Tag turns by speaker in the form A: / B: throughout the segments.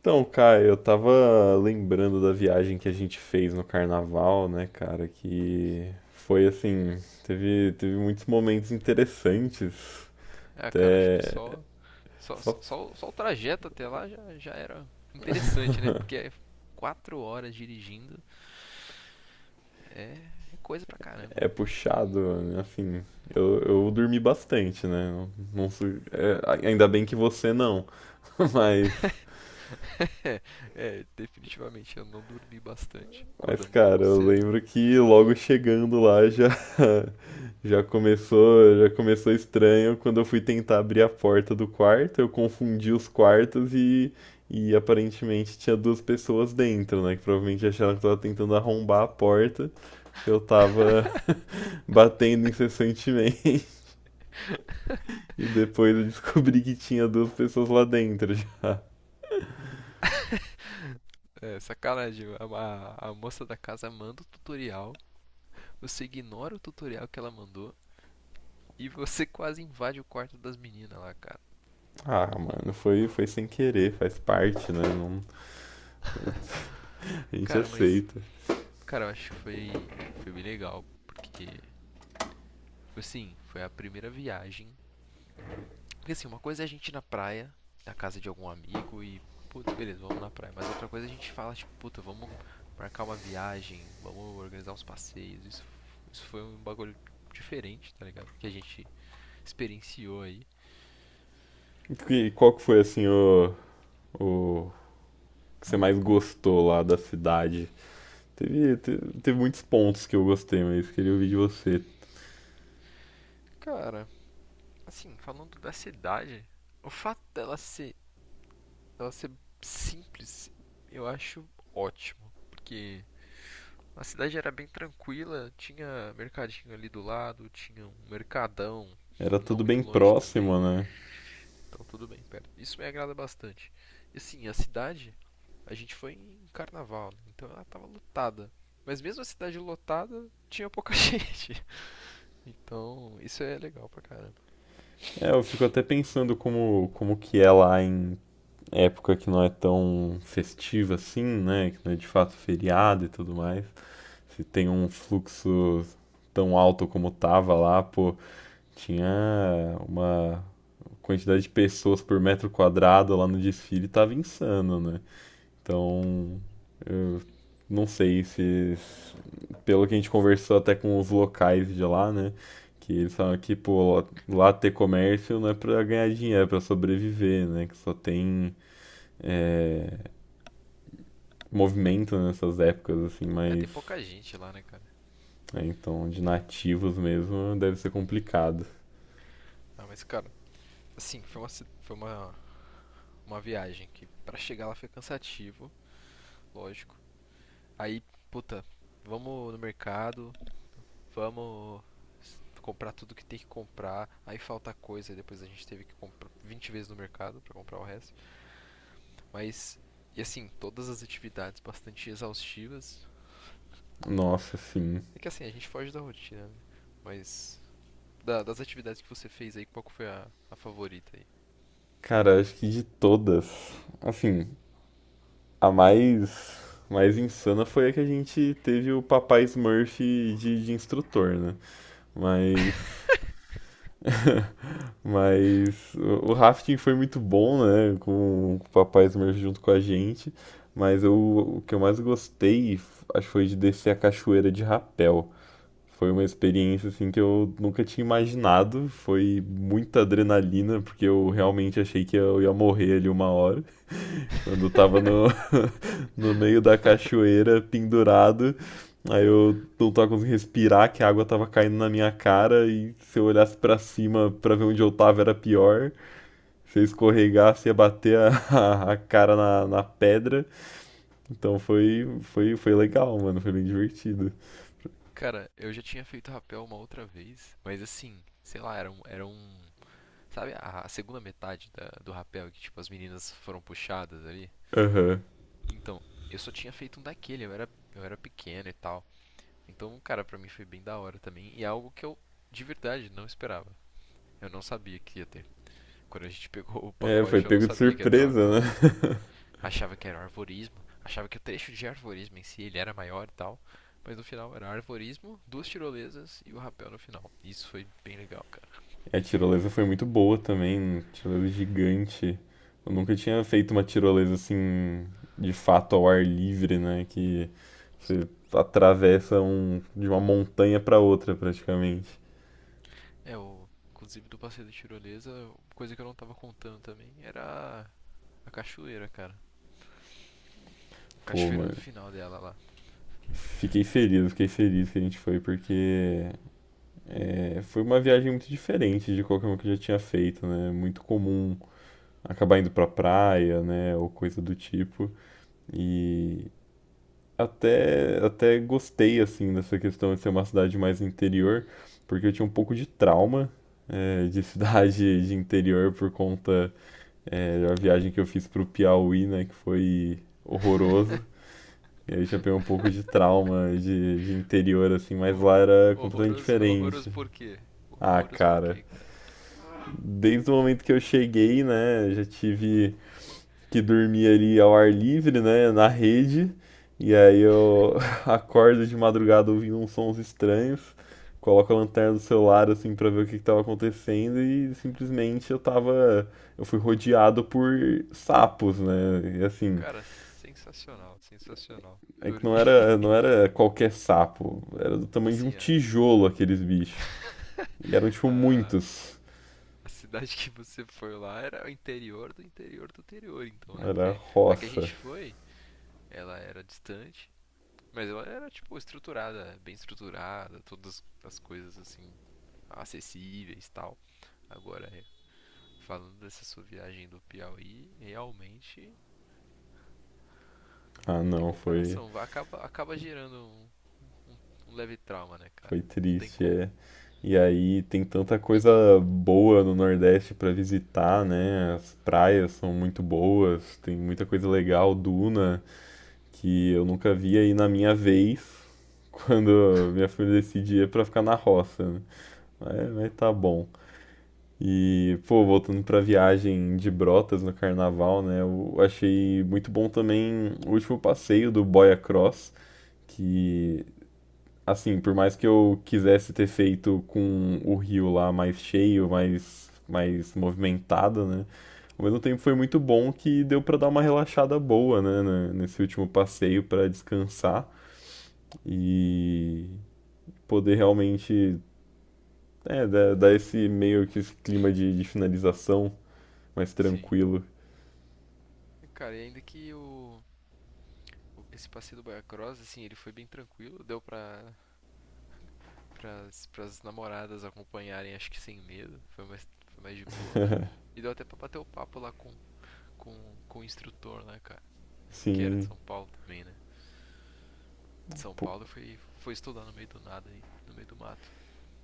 A: Então, cara, eu tava lembrando da viagem que a gente fez no carnaval, né, cara, que foi assim, teve muitos momentos interessantes,
B: É, cara, acho que
A: até
B: só
A: só
B: o trajeto até lá já era interessante, né? Porque é 4 horas dirigindo, é, é coisa pra caramba.
A: é puxado, né, assim, eu dormi bastante, né, não, é, ainda bem que você não. mas
B: É, é, definitivamente eu não dormi bastante.
A: Mas,
B: Acordamos um
A: cara,
B: pouco
A: eu
B: cedo.
A: lembro que logo chegando lá já já começou estranho quando eu fui tentar abrir a porta do quarto. Eu confundi os quartos e aparentemente tinha duas pessoas dentro, né, que provavelmente acharam que eu tava tentando arrombar a porta, que eu tava batendo incessantemente. E depois eu descobri que tinha duas pessoas lá dentro já.
B: É, sacanagem, a moça da casa manda o tutorial, você ignora o tutorial que ela mandou e você quase invade o quarto das meninas lá, cara.
A: Ah, mano, foi sem querer, faz parte, né? Não, a gente
B: Cara, mas,
A: aceita.
B: cara, eu acho que foi bem legal, porque, tipo assim, foi a primeira viagem. Porque assim, uma coisa é a gente ir na praia, na casa de algum amigo e, putz, beleza, vamos na praia. Mas outra coisa é a gente fala, tipo, puta, vamos marcar uma viagem, vamos organizar uns passeios. Isso, isso foi um bagulho diferente, tá ligado? Que a gente experienciou aí.
A: E qual que foi assim o que você mais gostou lá da cidade? Teve muitos pontos que eu gostei, mas queria ouvir de você.
B: Cara, assim, falando da cidade, o fato dela ser simples, eu acho ótimo. Porque a cidade era bem tranquila, tinha mercadinho ali do lado, tinha um mercadão
A: Era
B: não
A: tudo bem
B: muito longe também.
A: próximo, né?
B: Então tudo bem, perto. Isso me agrada bastante. E assim, a cidade, a gente foi em carnaval, né? Então ela tava lotada. Mas mesmo a cidade lotada, tinha pouca gente. Então, isso é legal pra caramba.
A: É, eu fico até pensando como que é lá em época que não é tão festiva assim, né? Que não é de fato feriado e tudo mais. Se tem um fluxo tão alto como tava lá, pô, tinha uma quantidade de pessoas por metro quadrado lá no desfile, tava insano, né? Então, eu não sei se, pelo que a gente conversou até com os locais de lá, né? Que eles falam que, pô, lá ter comércio não é pra ganhar dinheiro, é pra sobreviver, né? Que só tem eh, movimento nessas épocas, assim,
B: É,
A: mas.
B: tem pouca gente lá, né, cara?
A: É, então, de nativos mesmo deve ser complicado.
B: Ah, mas cara, assim, foi uma, ci- foi uma viagem que pra chegar lá foi cansativo, lógico. Aí, puta, vamos no mercado, vamos comprar tudo que tem que comprar. Aí falta coisa, depois a gente teve que comprar 20 vezes no mercado pra comprar o resto. Mas, e assim, todas as atividades bastante exaustivas.
A: Nossa, sim.
B: É que assim, a gente foge da rotina, né? Mas, das atividades que você fez aí, qual que foi a favorita aí?
A: Cara, acho que de todas. Assim, a mais insana foi a que a gente teve o papai Smurf de instrutor, né? Mas, mas o rafting foi muito bom, né? Com o papai Smurf junto com a gente. Mas eu, o que eu mais gostei, acho que foi de descer a cachoeira de rapel. Foi uma experiência assim que eu nunca tinha imaginado. Foi muita adrenalina, porque eu realmente achei que eu ia morrer ali uma hora. Quando eu tava no meio da cachoeira, pendurado, aí eu não tava conseguindo respirar, que a água tava caindo na minha cara, e se eu olhasse pra cima pra ver onde eu tava era pior. Se eu escorregasse, ia bater a cara na pedra. Então foi legal, mano, foi bem divertido.
B: Cara, eu já tinha feito rapel uma outra vez, mas assim, sei lá, era um, sabe a segunda metade do rapel que tipo as meninas foram puxadas ali?
A: Aham.
B: Então, eu só tinha feito um daquele, eu era pequeno e tal. Então, cara, pra mim foi bem da hora também e é algo que eu de verdade não esperava. Eu não sabia que ia ter. Quando a gente pegou o
A: É, foi
B: pacote, eu não
A: pego de
B: sabia que ia ter o rapel.
A: surpresa, né?
B: Achava que era arvorismo, achava que o trecho de arvorismo em si ele era maior e tal. Mas no final era arvorismo, duas tirolesas e o rapel no final. Isso foi bem legal, cara.
A: É, a tirolesa foi muito boa também, tirolesa gigante. Eu nunca tinha feito uma tirolesa assim, de fato ao ar livre, né? Que você atravessa um, de uma montanha pra outra praticamente.
B: É, inclusive do passeio da tirolesa, coisa que eu não tava contando também era a cachoeira, cara. A
A: Pô,
B: cachoeira no
A: mano,
B: final dela lá.
A: fiquei feliz que a gente foi, porque é, foi uma viagem muito diferente de qualquer uma que eu já tinha feito, né? Muito comum acabar indo pra praia, né? Ou coisa do tipo. E até gostei assim dessa questão de ser uma cidade mais interior, porque eu tinha um pouco de trauma de cidade de interior por conta da viagem que eu fiz pro Piauí, né, que foi horroroso. E aí eu já peguei um pouco de trauma de, interior, assim, mas
B: O,
A: lá era completamente
B: horroroso, horroroso
A: diferente.
B: por quê?
A: Ah,
B: Horroroso por
A: cara,
B: quê, cara?
A: desde o momento que eu cheguei, né, já tive que dormia ali ao ar livre, né, na rede, e aí eu acordo de madrugada ouvindo uns sons estranhos, coloco a lanterna do celular assim pra ver o que que tava acontecendo e simplesmente eu tava, eu fui rodeado por sapos, né? E assim,
B: Cara, sensacional, sensacional.
A: é que não
B: Dormi.
A: era, não era qualquer sapo, era do tamanho de um
B: Assim,
A: tijolo aqueles bichos. E eram tipo
B: a,
A: muitos.
B: a cidade que você foi lá era o interior do interior do interior, então, né?
A: Era
B: Porque a que a
A: roça.
B: gente foi, ela era distante, mas ela era, tipo, estruturada, bem estruturada, todas as coisas, assim, acessíveis e tal. Agora, é, falando dessa sua viagem do Piauí, realmente
A: Ah,
B: tem
A: não. foi
B: comparação. Acaba, acaba gerando um, um- um leve trauma, né, cara?
A: Foi
B: Não tem
A: triste,
B: como.
A: é. E aí tem tanta coisa boa no Nordeste pra visitar, né? As praias são muito boas, tem muita coisa legal, duna, que eu nunca vi aí na minha vez, quando minha família decidia pra ficar na roça, né? Mas, tá bom. E, pô, voltando pra viagem de Brotas no carnaval, né? Eu achei muito bom também o último passeio do Boia Cross, que assim, por mais que eu quisesse ter feito com o rio lá mais cheio, mais movimentado, né? Ao mesmo tempo foi muito bom que deu pra dar uma relaxada boa, né, nesse último passeio pra descansar e poder realmente dar, esse meio que esse clima de, finalização mais
B: Sim.
A: tranquilo.
B: E, cara, e ainda que esse passeio do Baia Cross, assim, ele foi bem tranquilo, deu pra pras namoradas acompanharem, acho que sem medo. Foi mais de boa, né? E deu até pra bater o papo lá com, o instrutor, né, cara? Que era de
A: Sim,
B: São Paulo também, né? De São
A: pô,
B: Paulo foi, foi estudar no meio do nada aí, no meio do mato.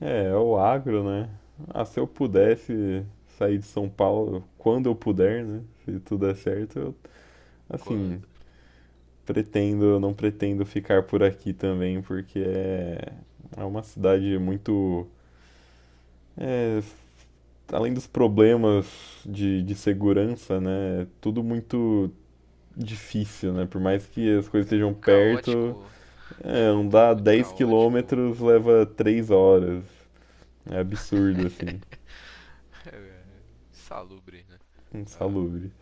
A: é o agro, né? Ah, se eu pudesse sair de São Paulo quando eu puder, né? Se tudo der certo, eu assim,
B: Quando,
A: pretendo, não pretendo ficar por aqui também, porque é, uma cidade muito, é, além dos problemas de segurança, né? É tudo muito difícil, né? Por mais que as coisas
B: cara,
A: estejam perto,
B: caótico,
A: é,
B: é, é tudo
A: andar
B: muito
A: 10
B: caótico.
A: quilômetros leva 3 horas. É absurdo, assim.
B: é, é, Salubre, né? Ah,
A: Insalubre.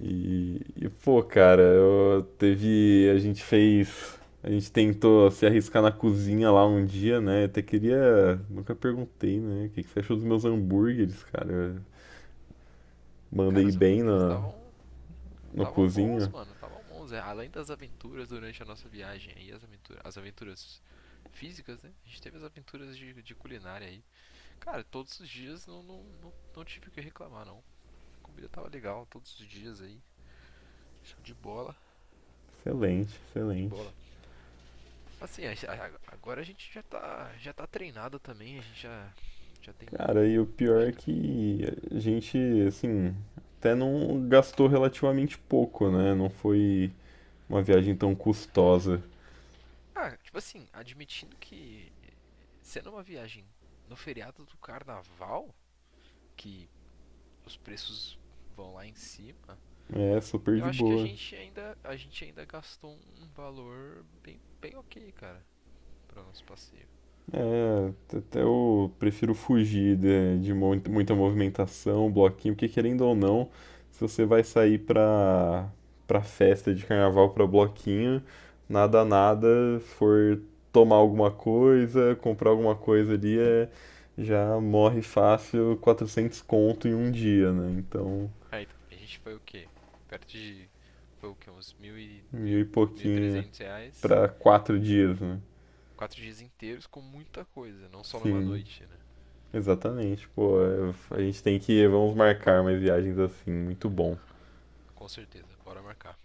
A: E, pô, cara, eu teve, a gente fez, a gente tentou se arriscar na cozinha lá um dia, né? Eu até queria, nunca perguntei, né? O que que você achou dos meus hambúrgueres, cara? Eu
B: cara,
A: mandei
B: os
A: bem
B: hambúrgueres
A: na,
B: estavam
A: no
B: Estavam bons,
A: cozinho.
B: mano. Estavam bons. É, além das aventuras durante a nossa viagem aí, as aventuras físicas, né? A gente teve as aventuras de culinária aí. Cara, todos os dias não tive o que reclamar, não. A comida tava legal todos os dias aí. Show de bola.
A: Excelente,
B: Show de
A: excelente.
B: bola. Assim, agora a gente já tá treinado também. A gente já tem...
A: Cara, e o pior
B: Já
A: é
B: tá...
A: que a gente, assim, até não gastou relativamente pouco, né? Não foi uma viagem tão custosa.
B: Ah, tipo assim, admitindo que eh, sendo uma viagem no feriado do carnaval, que os preços vão lá em cima,
A: É, super
B: eu
A: de
B: acho que
A: boa.
B: a gente ainda gastou um valor bem, bem ok, cara, para o nosso passeio.
A: É, até eu prefiro fugir de muita movimentação, bloquinho, porque querendo ou não, se você vai sair pra festa de carnaval, pra bloquinho, nada, se for tomar alguma coisa, comprar alguma coisa ali, é, já morre fácil 400 conto em um dia, né? Então,
B: Aí então, a gente foi o quê? Perto de, foi o quê? Uns
A: mil e
B: mil e
A: pouquinho
B: trezentos reais,
A: pra 4 dias, né?
B: 4 dias inteiros com muita coisa, não só numa
A: Sim,
B: noite, né?
A: exatamente, pô, é, a gente tem que, vamos marcar umas viagens assim, muito bom.
B: Com certeza, bora marcar.